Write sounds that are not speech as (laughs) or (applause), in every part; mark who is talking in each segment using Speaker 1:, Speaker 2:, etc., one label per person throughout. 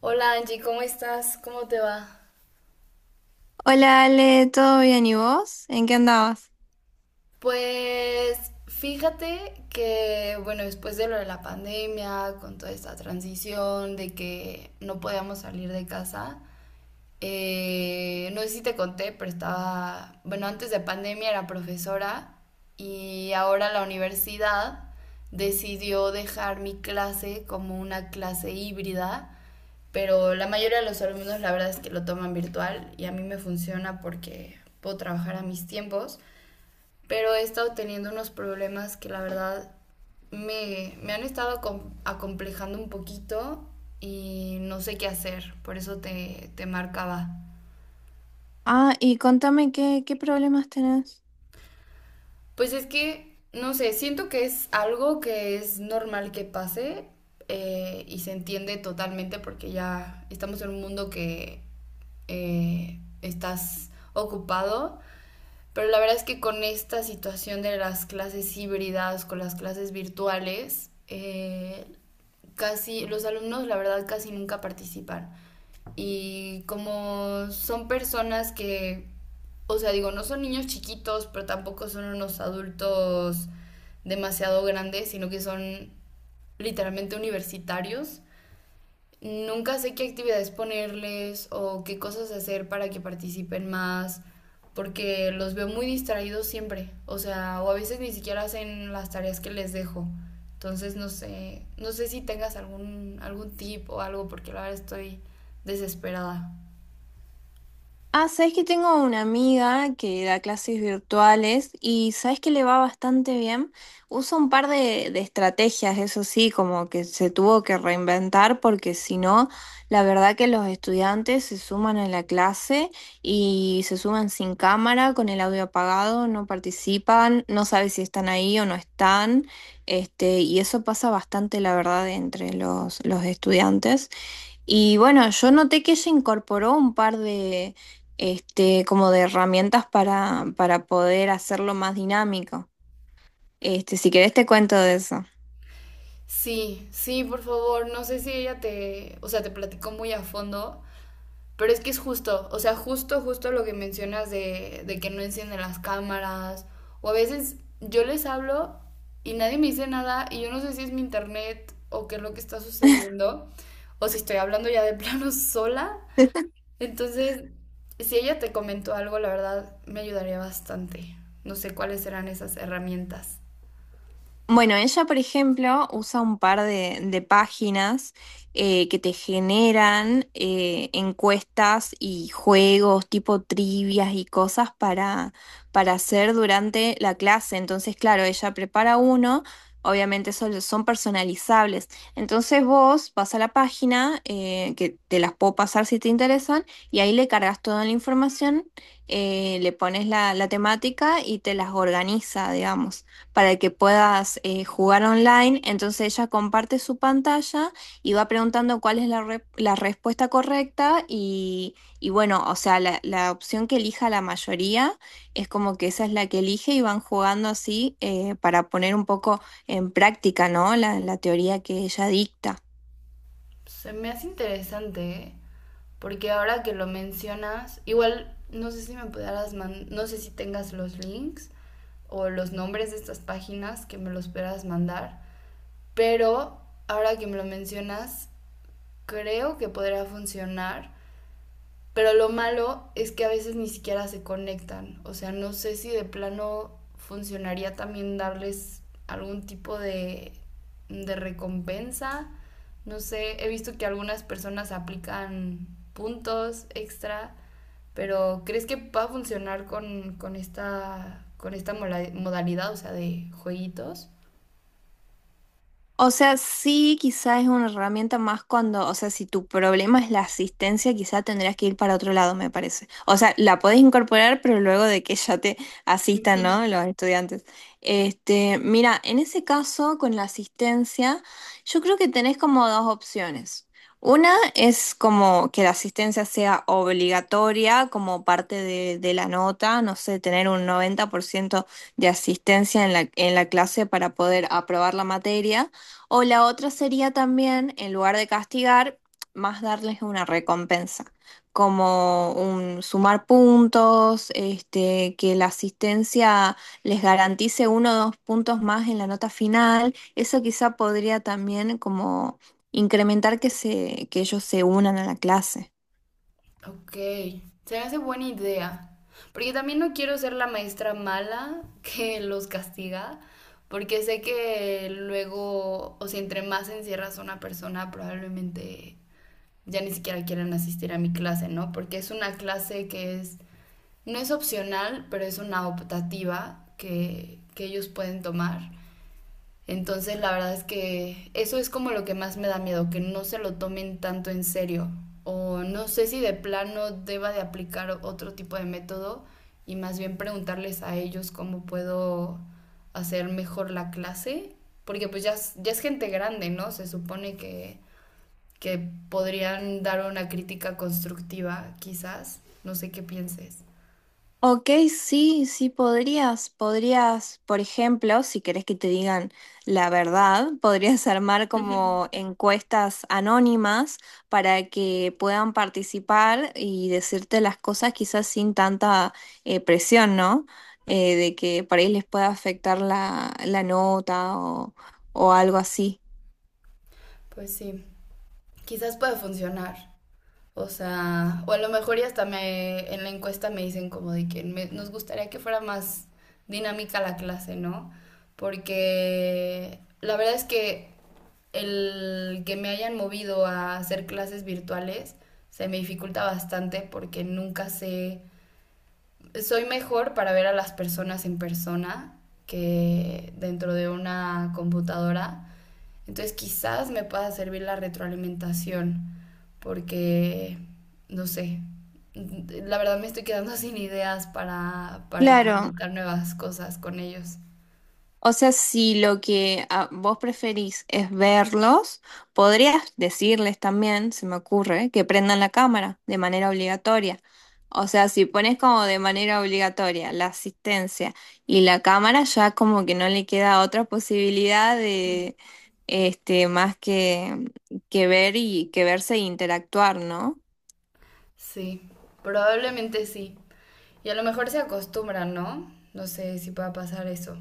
Speaker 1: Hola Angie, ¿cómo estás? ¿Cómo te va?
Speaker 2: Hola Ale, ¿todo bien y vos? ¿En qué andabas?
Speaker 1: Pues fíjate que, bueno, después de lo de la pandemia, con toda esta transición de que no podíamos salir de casa, no sé si te conté, pero estaba, bueno, antes de pandemia era profesora y ahora la universidad decidió dejar mi clase como una clase híbrida. Pero la mayoría de los alumnos la verdad es que lo toman virtual y a mí me funciona porque puedo trabajar a mis tiempos, pero he estado teniendo unos problemas que la verdad me han estado acomplejando un poquito y no sé qué hacer, por eso te marcaba.
Speaker 2: Ah, y contame qué problemas tenés.
Speaker 1: Pues es que, no sé, siento que es algo que es normal que pase, y se entiende totalmente porque ya estamos en un mundo que, estás ocupado. Pero la verdad es que con esta situación de las clases híbridas, con las clases virtuales, casi los alumnos la verdad casi nunca participan. Y como son personas que, o sea, digo, no son niños chiquitos, pero tampoco son unos adultos demasiado grandes, sino que son literalmente universitarios. Nunca sé qué actividades ponerles o qué cosas hacer para que participen más, porque los veo muy distraídos siempre, o sea, o a veces ni siquiera hacen las tareas que les dejo. Entonces no sé, no sé si tengas algún tip o algo porque la verdad estoy desesperada.
Speaker 2: Ah, sabes que tengo una amiga que da clases virtuales y sabes que le va bastante bien. Usa un par de estrategias, eso sí, como que se tuvo que reinventar porque si no, la verdad que los estudiantes se suman a la clase y se suman sin cámara, con el audio apagado, no participan, no sabe si están ahí o no están. Y eso pasa bastante, la verdad, entre los estudiantes. Y bueno, yo noté que se incorporó un par de, como de herramientas para poder hacerlo más dinámico. Este, si querés te cuento de eso.
Speaker 1: Sí, sí, por favor, no sé si ella o sea, te platicó muy a fondo, pero es que es justo, o sea, justo lo que mencionas de que no encienden las cámaras. O a veces yo les hablo y nadie me dice nada y yo no sé si es mi internet o qué es lo que está sucediendo o si estoy hablando ya de (laughs) plano sola. Entonces, si ella te comentó algo, la verdad me ayudaría bastante. No sé cuáles serán esas herramientas.
Speaker 2: Bueno, ella, por ejemplo, usa un par de páginas que te generan encuestas y juegos tipo trivias y cosas para hacer durante la clase. Entonces, claro, ella prepara uno, obviamente son personalizables. Entonces vos vas a la página, que te las puedo pasar si te interesan, y ahí le cargas toda la información, le pones la temática y te las organiza, digamos, para que puedas jugar online. Entonces ella comparte su pantalla y va preguntando cuál es la respuesta correcta y bueno, o sea, la opción que elija la mayoría es como que esa es la que elige y van jugando así, para poner un poco en práctica, ¿no? La teoría que ella dicta.
Speaker 1: Se me hace interesante, ¿eh? Porque ahora que lo mencionas, igual no sé si me pudieras man no sé si tengas los links o los nombres de estas páginas que me los puedas mandar, pero ahora que me lo mencionas, creo que podría funcionar, pero lo malo es que a veces ni siquiera se conectan. O sea, no sé si de plano funcionaría también darles algún tipo de recompensa. No sé, he visto que algunas personas aplican puntos extra, pero ¿crees que va a funcionar con esta modalidad, o sea, de jueguitos?
Speaker 2: O sea, sí, quizá es una herramienta más cuando, o sea, si tu problema es la asistencia, quizá tendrías que ir para otro lado, me parece. O sea, la podés incorporar, pero luego de que ya te asistan,
Speaker 1: (laughs)
Speaker 2: ¿no? Los estudiantes. Este, mira, en ese caso, con la asistencia, yo creo que tenés como dos opciones. Una es como que la asistencia sea obligatoria como parte de la nota, no sé, tener un 90% de asistencia en en la clase para poder aprobar la materia. O la otra sería también, en lugar de castigar, más darles una recompensa, como un sumar puntos, este, que la asistencia les garantice uno o dos puntos más en la nota final. Eso quizá podría también como incrementar que ellos se unan a la clase.
Speaker 1: Ok, se me hace buena idea. Porque también no quiero ser la maestra mala (laughs) que los castiga, porque sé que luego, o sea, entre más encierras a una persona, probablemente ya ni siquiera quieran asistir a mi clase, ¿no? Porque es una clase que es, no es opcional, pero es una optativa que ellos pueden tomar. Entonces la verdad es que eso es como lo que más me da miedo, que no se lo tomen tanto en serio. O no sé si de plano deba de aplicar otro tipo de método y más bien preguntarles a ellos cómo puedo hacer mejor la clase. Porque pues ya, ya es gente grande, ¿no? Se supone que podrían dar una crítica constructiva, quizás. No sé qué pienses.
Speaker 2: Ok, sí, sí podrías, podrías, por ejemplo, si querés que te digan la verdad, podrías (laughs) armar como
Speaker 1: (laughs)
Speaker 2: encuestas anónimas para que puedan participar y decirte las cosas quizás sin tanta presión, ¿no? De que por ahí les pueda afectar la nota o algo así.
Speaker 1: Pues sí, quizás pueda funcionar. O sea, o a lo mejor y hasta en la encuesta me dicen como de que nos gustaría que fuera más dinámica la clase, ¿no? Porque la verdad es que el que me hayan movido a hacer clases virtuales se me dificulta bastante porque nunca sé, soy mejor para ver a las personas en persona que dentro de una computadora. Entonces quizás me pueda servir la retroalimentación porque, no sé, la verdad me estoy quedando (laughs) sin ideas para
Speaker 2: Claro.
Speaker 1: implementar nuevas cosas con ellos.
Speaker 2: O sea, si lo que vos preferís es verlos, podrías decirles también, se me ocurre, que prendan la cámara de manera obligatoria. O sea, si pones como de manera obligatoria la asistencia y la cámara, ya como que no le queda otra posibilidad de, más que ver y que verse e interactuar, ¿no?
Speaker 1: Sí, probablemente sí. Y a lo mejor se acostumbran, ¿no? No sé si pueda pasar eso.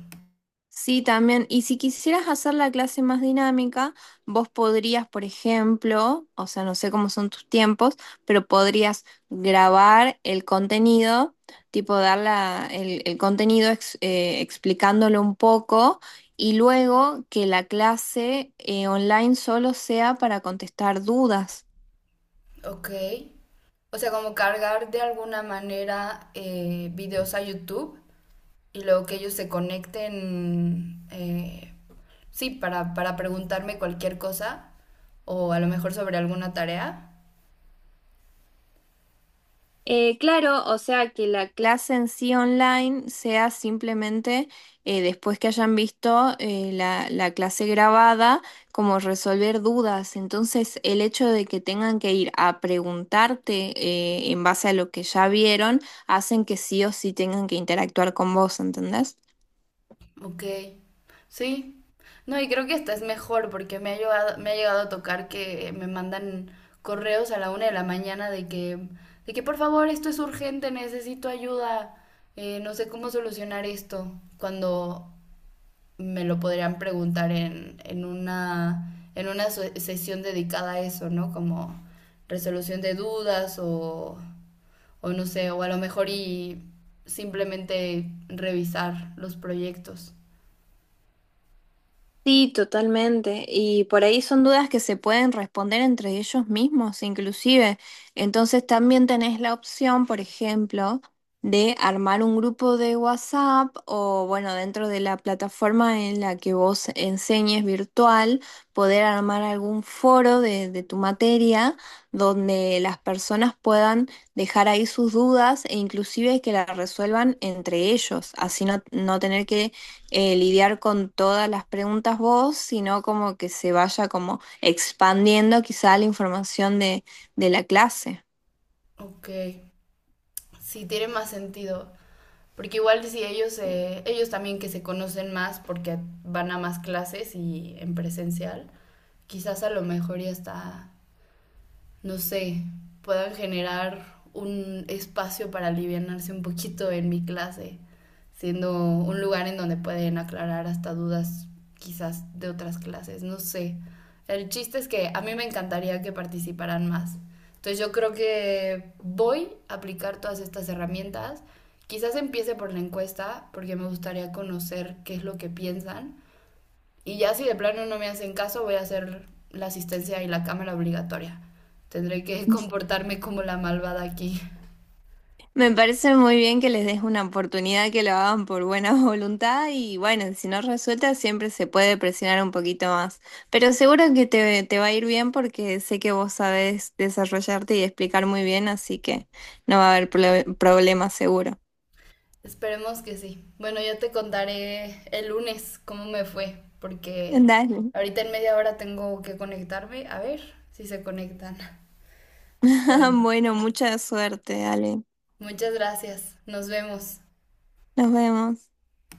Speaker 2: Sí, también. Y si quisieras hacer la clase más dinámica, vos podrías, por ejemplo, o sea, no sé cómo son tus tiempos, pero podrías grabar el contenido, tipo dar el contenido explicándolo un poco y luego que la clase online solo sea para contestar dudas.
Speaker 1: Ok. O sea, como cargar de alguna manera, videos a YouTube y luego que ellos se conecten, sí, para preguntarme cualquier cosa o a lo mejor sobre alguna tarea.
Speaker 2: Claro, o sea que la clase en sí online sea simplemente, después que hayan visto, la, la clase grabada, como resolver dudas. Entonces, el hecho de que tengan que ir a preguntarte en base a lo que ya vieron, hacen que sí o sí tengan que interactuar con vos, ¿entendés?
Speaker 1: Ok. Sí, no, y creo que esta es mejor porque me ha llegado a tocar que me mandan correos a la 1 de la mañana de que, por favor, esto es urgente, necesito ayuda, no sé cómo solucionar esto, cuando me lo podrían preguntar en una sesión dedicada a eso, ¿no? Como resolución de dudas o no sé, o a lo mejor y simplemente revisar los proyectos.
Speaker 2: Sí, totalmente. Y por ahí son dudas que se pueden responder entre ellos mismos, inclusive. Entonces también tenés la opción, por ejemplo, de armar un grupo de WhatsApp o, bueno, dentro de la plataforma en la que vos enseñes virtual, poder armar algún foro de tu materia donde las personas puedan dejar ahí sus dudas e inclusive que las resuelvan entre ellos, así no tener que lidiar con todas las preguntas vos, sino como que se vaya como expandiendo quizá la información de la clase.
Speaker 1: Ok, sí, tiene más sentido. Porque igual si ellos, ellos también que se conocen más porque van a más clases y en presencial, quizás a lo mejor ya está, no sé, puedan generar un espacio para alivianarse un poquito en mi clase, siendo un lugar en donde pueden aclarar hasta dudas quizás de otras clases, no sé. El chiste es que a mí me encantaría que participaran más. Entonces yo creo que voy a aplicar todas estas herramientas. Quizás empiece por la encuesta, porque me gustaría conocer qué es lo que piensan y ya si de plano no me hacen caso, voy a hacer la asistencia y la cámara obligatoria. Tendré que (laughs) comportarme como la malvada aquí.
Speaker 2: Me parece muy bien que les des una oportunidad que lo hagan por buena (laughs) voluntad y bueno, si no resulta siempre se puede presionar un poquito más, pero seguro que te va a ir bien porque sé que vos sabés desarrollarte y explicar muy bien, así que no va a haber problema seguro.
Speaker 1: Esperemos que sí. Bueno, yo te contaré el lunes cómo me fue, porque
Speaker 2: Dale.
Speaker 1: ahorita en media hora tengo que conectarme. A ver si se conectan. Pero
Speaker 2: (laughs) Bueno, mucha suerte, dale.
Speaker 1: muchas gracias. Nos vemos.
Speaker 2: Nos vemos.